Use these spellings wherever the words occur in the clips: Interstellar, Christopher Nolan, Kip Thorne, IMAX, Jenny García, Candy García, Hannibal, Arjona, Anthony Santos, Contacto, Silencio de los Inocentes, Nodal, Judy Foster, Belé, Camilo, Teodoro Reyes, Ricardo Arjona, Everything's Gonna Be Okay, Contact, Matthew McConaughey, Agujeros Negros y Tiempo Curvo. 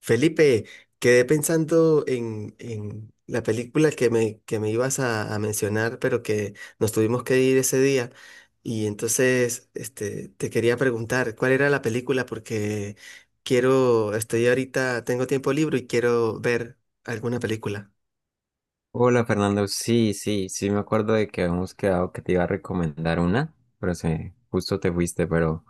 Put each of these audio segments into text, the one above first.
Felipe, quedé pensando en la película que me ibas a mencionar, pero que nos tuvimos que ir ese día. Y entonces, te quería preguntar, ¿cuál era la película? Porque quiero, estoy ahorita, tengo tiempo libre y quiero ver alguna película. Hola Fernando, sí, sí, sí me acuerdo de que habíamos quedado que te iba a recomendar una, pero se, justo te fuiste, pero,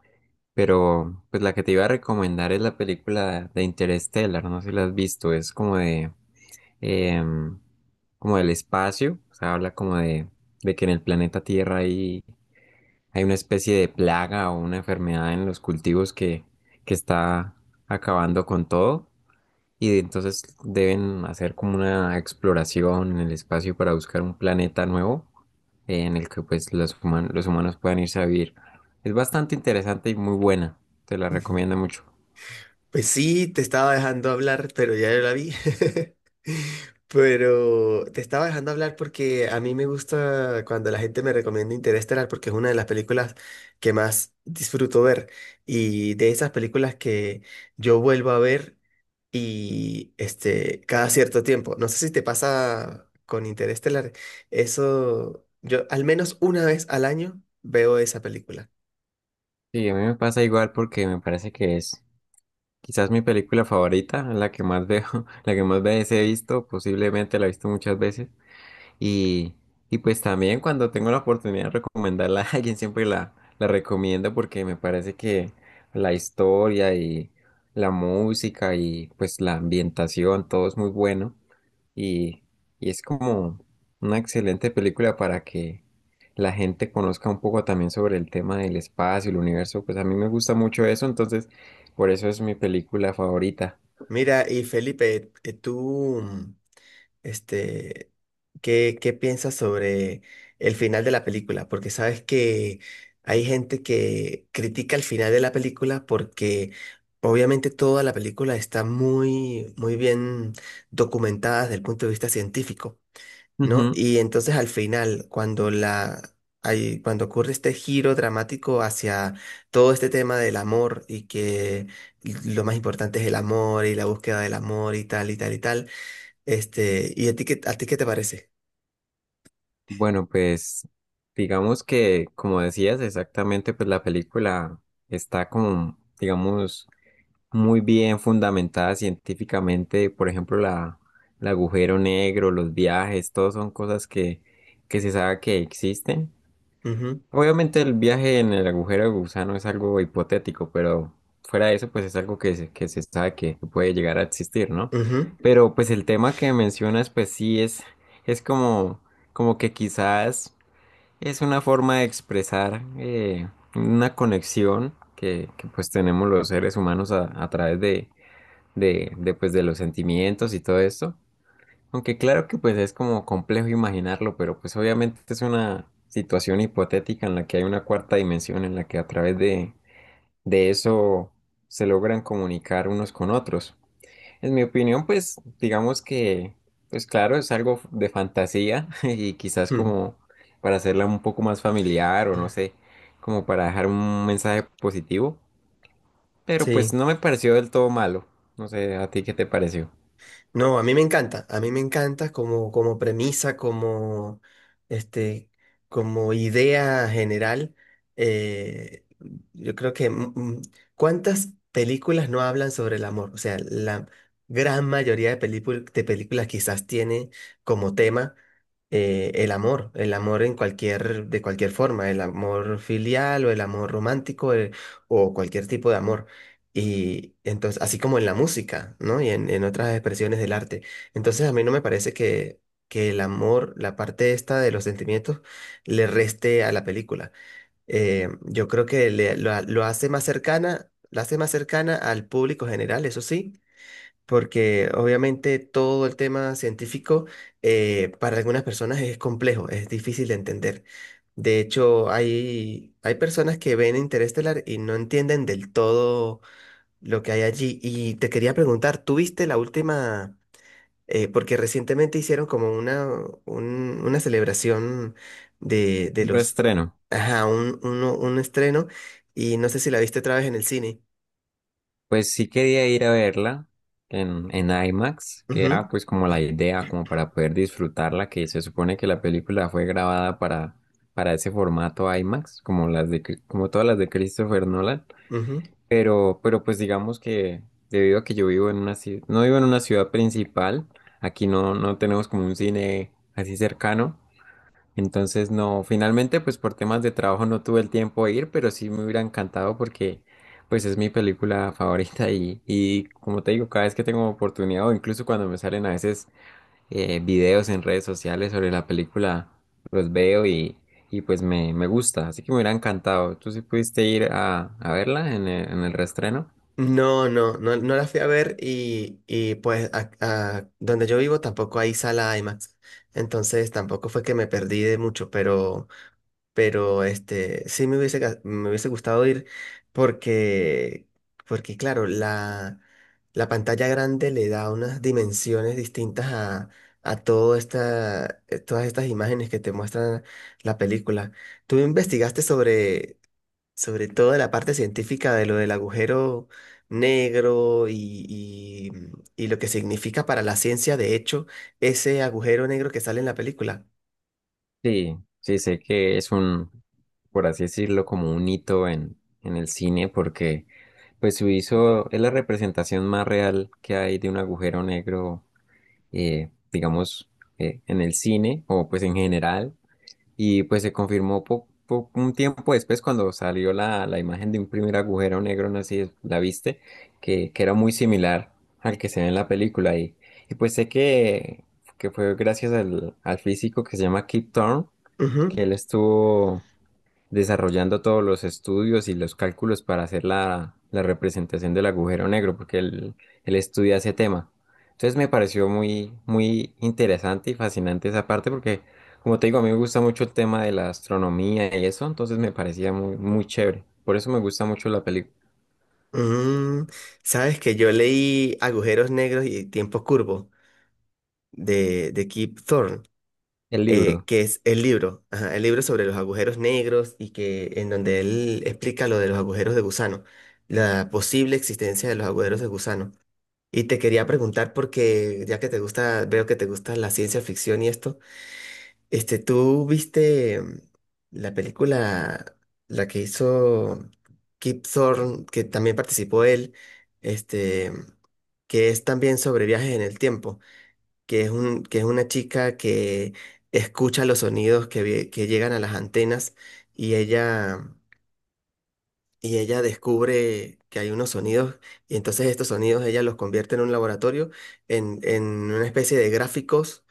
pues la que te iba a recomendar es la película de Interstellar, no sé si la has visto, es como de, em, como del espacio, o sea, habla como de que en el planeta Tierra hay, hay una especie de plaga o una enfermedad en los cultivos que está acabando con todo. Y entonces deben hacer como una exploración en el espacio para buscar un planeta nuevo en el que pues los humanos puedan irse a vivir. Es bastante interesante y muy buena. Te la Ujú. recomiendo mucho. Pues sí, te estaba dejando hablar, pero ya yo la vi. Pero te estaba dejando hablar porque a mí me gusta cuando la gente me recomienda Interestelar porque es una de las películas que más disfruto ver y de esas películas que yo vuelvo a ver y este cada cierto tiempo. No sé si te pasa con Interestelar, eso yo al menos una vez al año veo esa película. Sí, a mí me pasa igual porque me parece que es quizás mi película favorita, la que más veo, la que más veces he visto, posiblemente la he visto muchas veces. Y, y pues también cuando tengo la oportunidad de recomendarla a alguien, siempre la, la recomiendo porque me parece que la historia y la música y pues la ambientación, todo es muy bueno. Y, y es como una excelente película para que la gente conozca un poco también sobre el tema del espacio, el universo. Pues a mí me gusta mucho eso, entonces por eso es mi película favorita. Mira, y Felipe, Este, ¿qué piensas sobre el final de la película? Porque sabes que hay gente que critica el final de la película porque obviamente toda la película está muy, muy bien documentada desde el punto de vista científico, ¿no? Y entonces al final, cuando ocurre este giro dramático hacia todo este tema del amor y que lo más importante es el amor y la búsqueda del amor y tal y tal y tal, ¿y a ti qué te parece? Bueno, pues digamos que, como decías, exactamente, pues la película está como, digamos, muy bien fundamentada científicamente. Por ejemplo, la, el agujero negro, los viajes, todo son cosas que se sabe que existen. Ujú, Obviamente el viaje en el agujero de gusano es algo hipotético, pero fuera de eso, pues es algo que se sabe que puede llegar a existir, ¿no? ujú. Pero pues el tema que mencionas, pues sí es como, como que quizás... Es una forma de expresar una conexión que, pues tenemos los seres humanos a través de, pues, de los sentimientos y todo esto. Aunque claro que pues es como complejo imaginarlo, pero pues obviamente es una situación hipotética en la que hay una cuarta dimensión en la que a través de eso se logran comunicar unos con otros. En mi opinión, pues digamos que, pues claro, es algo de fantasía y quizás Mm. como para hacerla un poco más familiar o no sé, como para dejar un mensaje positivo, pero pues Sí. no me pareció del todo malo. No sé, ¿a ti qué te pareció? No, a mí me encanta, a mí me encanta como, como, premisa, este, como idea general. eh, yo creo que ¿cuántas películas no hablan sobre el amor? O sea, la gran mayoría de películas quizás tiene como tema el amor en cualquier, de cualquier forma, el amor filial o el amor romántico o cualquier tipo de amor. Y entonces, así como en la música, ¿no? Y en otras expresiones del arte. Entonces, a mí no me parece que el amor, la parte esta de los sentimientos, le reste a la película. Yo creo que lo hace más cercana, la hace más cercana al público general, eso sí, porque obviamente todo el tema científico para algunas personas es complejo, es difícil de entender. De hecho, hay personas que ven Interestelar y no entienden del todo lo que hay allí. Y te quería preguntar, ¿tú viste la última? Porque recientemente hicieron como una celebración de, de Un los, reestreno. ajá, un estreno y no sé si la viste otra vez en el cine. Pues sí quería ir a verla en IMAX, que era Ujú, pues como la idea, como para poder disfrutarla, que se supone que la película fue grabada para ese formato IMAX, como las de, como todas las de Christopher Nolan. ujú. Pero, pues digamos que debido a que yo vivo en una ciudad, no vivo en una ciudad principal, aquí no, no tenemos como un cine así cercano, entonces no, finalmente pues por temas de trabajo no tuve el tiempo de ir, pero sí me hubiera encantado porque pues es mi película favorita y como te digo, cada vez que tengo oportunidad o incluso cuando me salen a veces videos en redes sociales sobre la película, los veo y pues me gusta, así que me hubiera encantado. ¿Tú sí pudiste ir a verla en el reestreno? No, no, no, no la fui a ver y pues a donde yo vivo tampoco hay sala IMAX, entonces tampoco fue que me perdí de mucho, pero... Pero sí me hubiese gustado ir porque, porque claro, la pantalla grande le da unas dimensiones distintas a todo todas estas imágenes que te muestran la película. ¿Tú investigaste sobre toda la parte científica de lo del agujero negro y, y lo que significa para la ciencia, de hecho, ese agujero negro que sale en la película? Sí, sí, sé que es un, por así decirlo, como un hito en el cine, porque pues su hizo es la representación más real que hay de un agujero negro, digamos, en el cine, o pues en general, y pues se confirmó un tiempo después cuando salió la, la imagen de un primer agujero negro, no sé si la viste, que era muy similar al que se ve en la película, y pues sé que fue gracias al, al físico que se llama Kip Thorne, que él estuvo desarrollando todos los estudios y los cálculos para hacer la, la representación del agujero negro, porque él estudia ese tema. Entonces me pareció muy, muy interesante y fascinante esa parte, porque como te digo, a mí me gusta mucho el tema de la astronomía y eso, entonces me parecía muy, muy chévere. Por eso me gusta mucho la película, Mm, sabes que yo leí Agujeros Negros y Tiempo Curvo de Kip Thorne, el libro. que es el libro, ajá, el libro sobre los agujeros negros y que en donde él explica lo de los agujeros de gusano, la posible existencia de los agujeros de gusano. Y te quería preguntar porque ya que te gusta, veo que te gusta la ciencia ficción y esto, ¿tú viste la película, la que hizo Kip Thorne, que también participó él, este, que es también sobre viajes en el tiempo, que es una chica que escucha los sonidos que llegan a las antenas y ella y ella descubre que hay unos sonidos y entonces estos sonidos ella los convierte en un laboratorio, en una especie de gráficos,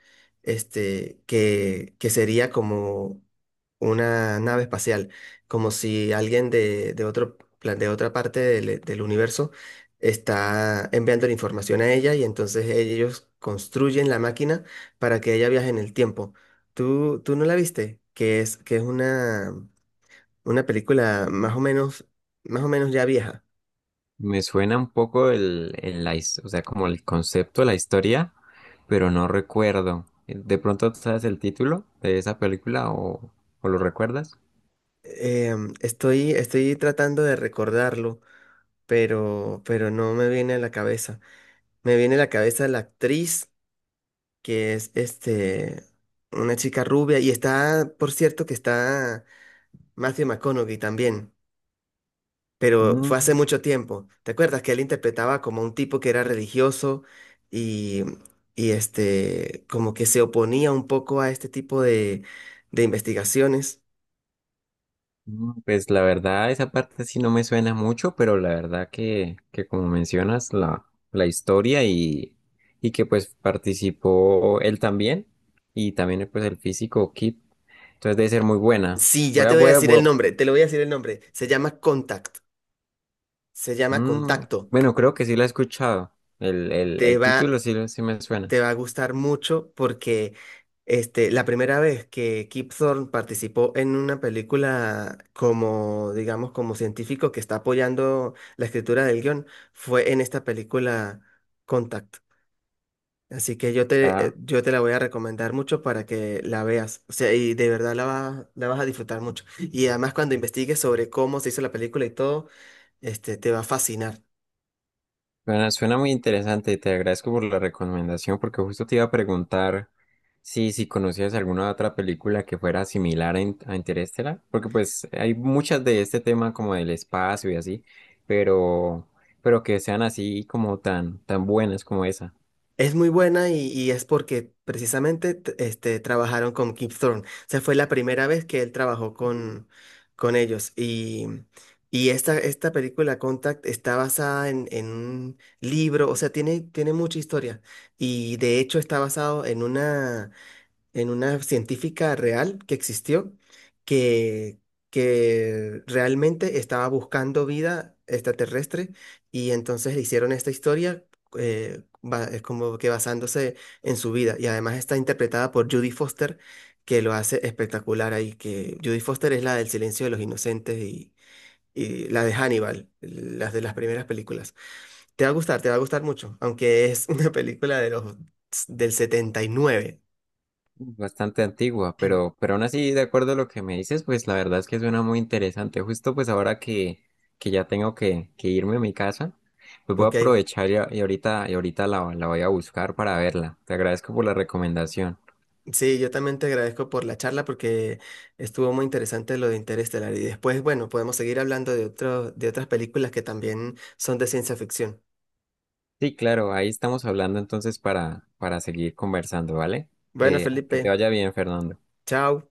que sería como una nave espacial, como si alguien de otra parte del universo está enviando la información a ella y entonces ellos construyen la máquina para que ella viaje en el tiempo. ¿Tú no la viste? Que es una película más o menos ya vieja. Me suena un poco el, o sea, como el concepto, la historia, pero no recuerdo. ¿De pronto sabes el título de esa película o lo recuerdas? Estoy tratando de recordarlo, pero no me viene a la cabeza. Me viene a la cabeza la actriz, que es una chica rubia, y está, por cierto, que está Matthew McConaughey también, pero fue hace Mm, mucho tiempo. ¿Te acuerdas que él interpretaba como un tipo que era religioso y, como que se oponía un poco a este tipo de investigaciones? Pues la verdad, esa parte sí no me suena mucho, pero la verdad que como mencionas, la historia y que pues participó él también y también pues el físico Kip, entonces debe ser muy buena. Sí, ya Voy a, te voy a voy a, decir voy el a- nombre, te lo voy a decir el nombre. Se llama Contact, se llama Mm, Contacto. bueno, creo que sí la he escuchado. Te El va, título sí, sí me suena. te va a gustar mucho porque la primera vez que Kip Thorne participó en una película como, digamos, como científico que está apoyando la escritura del guión fue en esta película Contact. Así que Ah, yo te la voy a recomendar mucho para que la veas. O sea, y de verdad la vas a disfrutar mucho. Y además cuando investigues sobre cómo se hizo la película y todo te va a fascinar. bueno, suena muy interesante y te agradezco por la recomendación porque justo te iba a preguntar si, si conocías alguna otra película que fuera similar a, a Interestelar, porque pues hay muchas de este tema como del espacio y así, pero, pero que sean así como tan, tan buenas como esa. Es muy buena y es porque precisamente trabajaron con Kip Thorne. O sea, fue la primera vez que él trabajó con ellos. Y esta película, Contact, está basada en un libro, o sea, tiene mucha historia. Y de hecho está basado en una científica real que existió, que, que realmente estaba buscando vida extraterrestre y entonces le hicieron esta historia es como que basándose en su vida y además está interpretada por Judy Foster que lo hace espectacular ahí, que Judy Foster es la del Silencio de los Inocentes y la de Hannibal, las de las primeras películas. Te va a gustar, te va a gustar mucho, aunque es una película del 79. Bastante antigua, pero aún así, de acuerdo a lo que me dices, pues la verdad es que suena muy interesante. Justo pues ahora que ya tengo que irme a mi casa, pues voy a ¿Ok? aprovechar y, y ahorita la, la voy a buscar para verla. Te agradezco por la recomendación. Sí, yo también te agradezco por la charla porque estuvo muy interesante lo de Interestelar. Y después, bueno, podemos seguir hablando de otras películas que también son de ciencia ficción. Sí, claro, ahí estamos hablando entonces para seguir conversando, ¿vale? Bueno, Que te Felipe, vaya bien, Fernando. chao.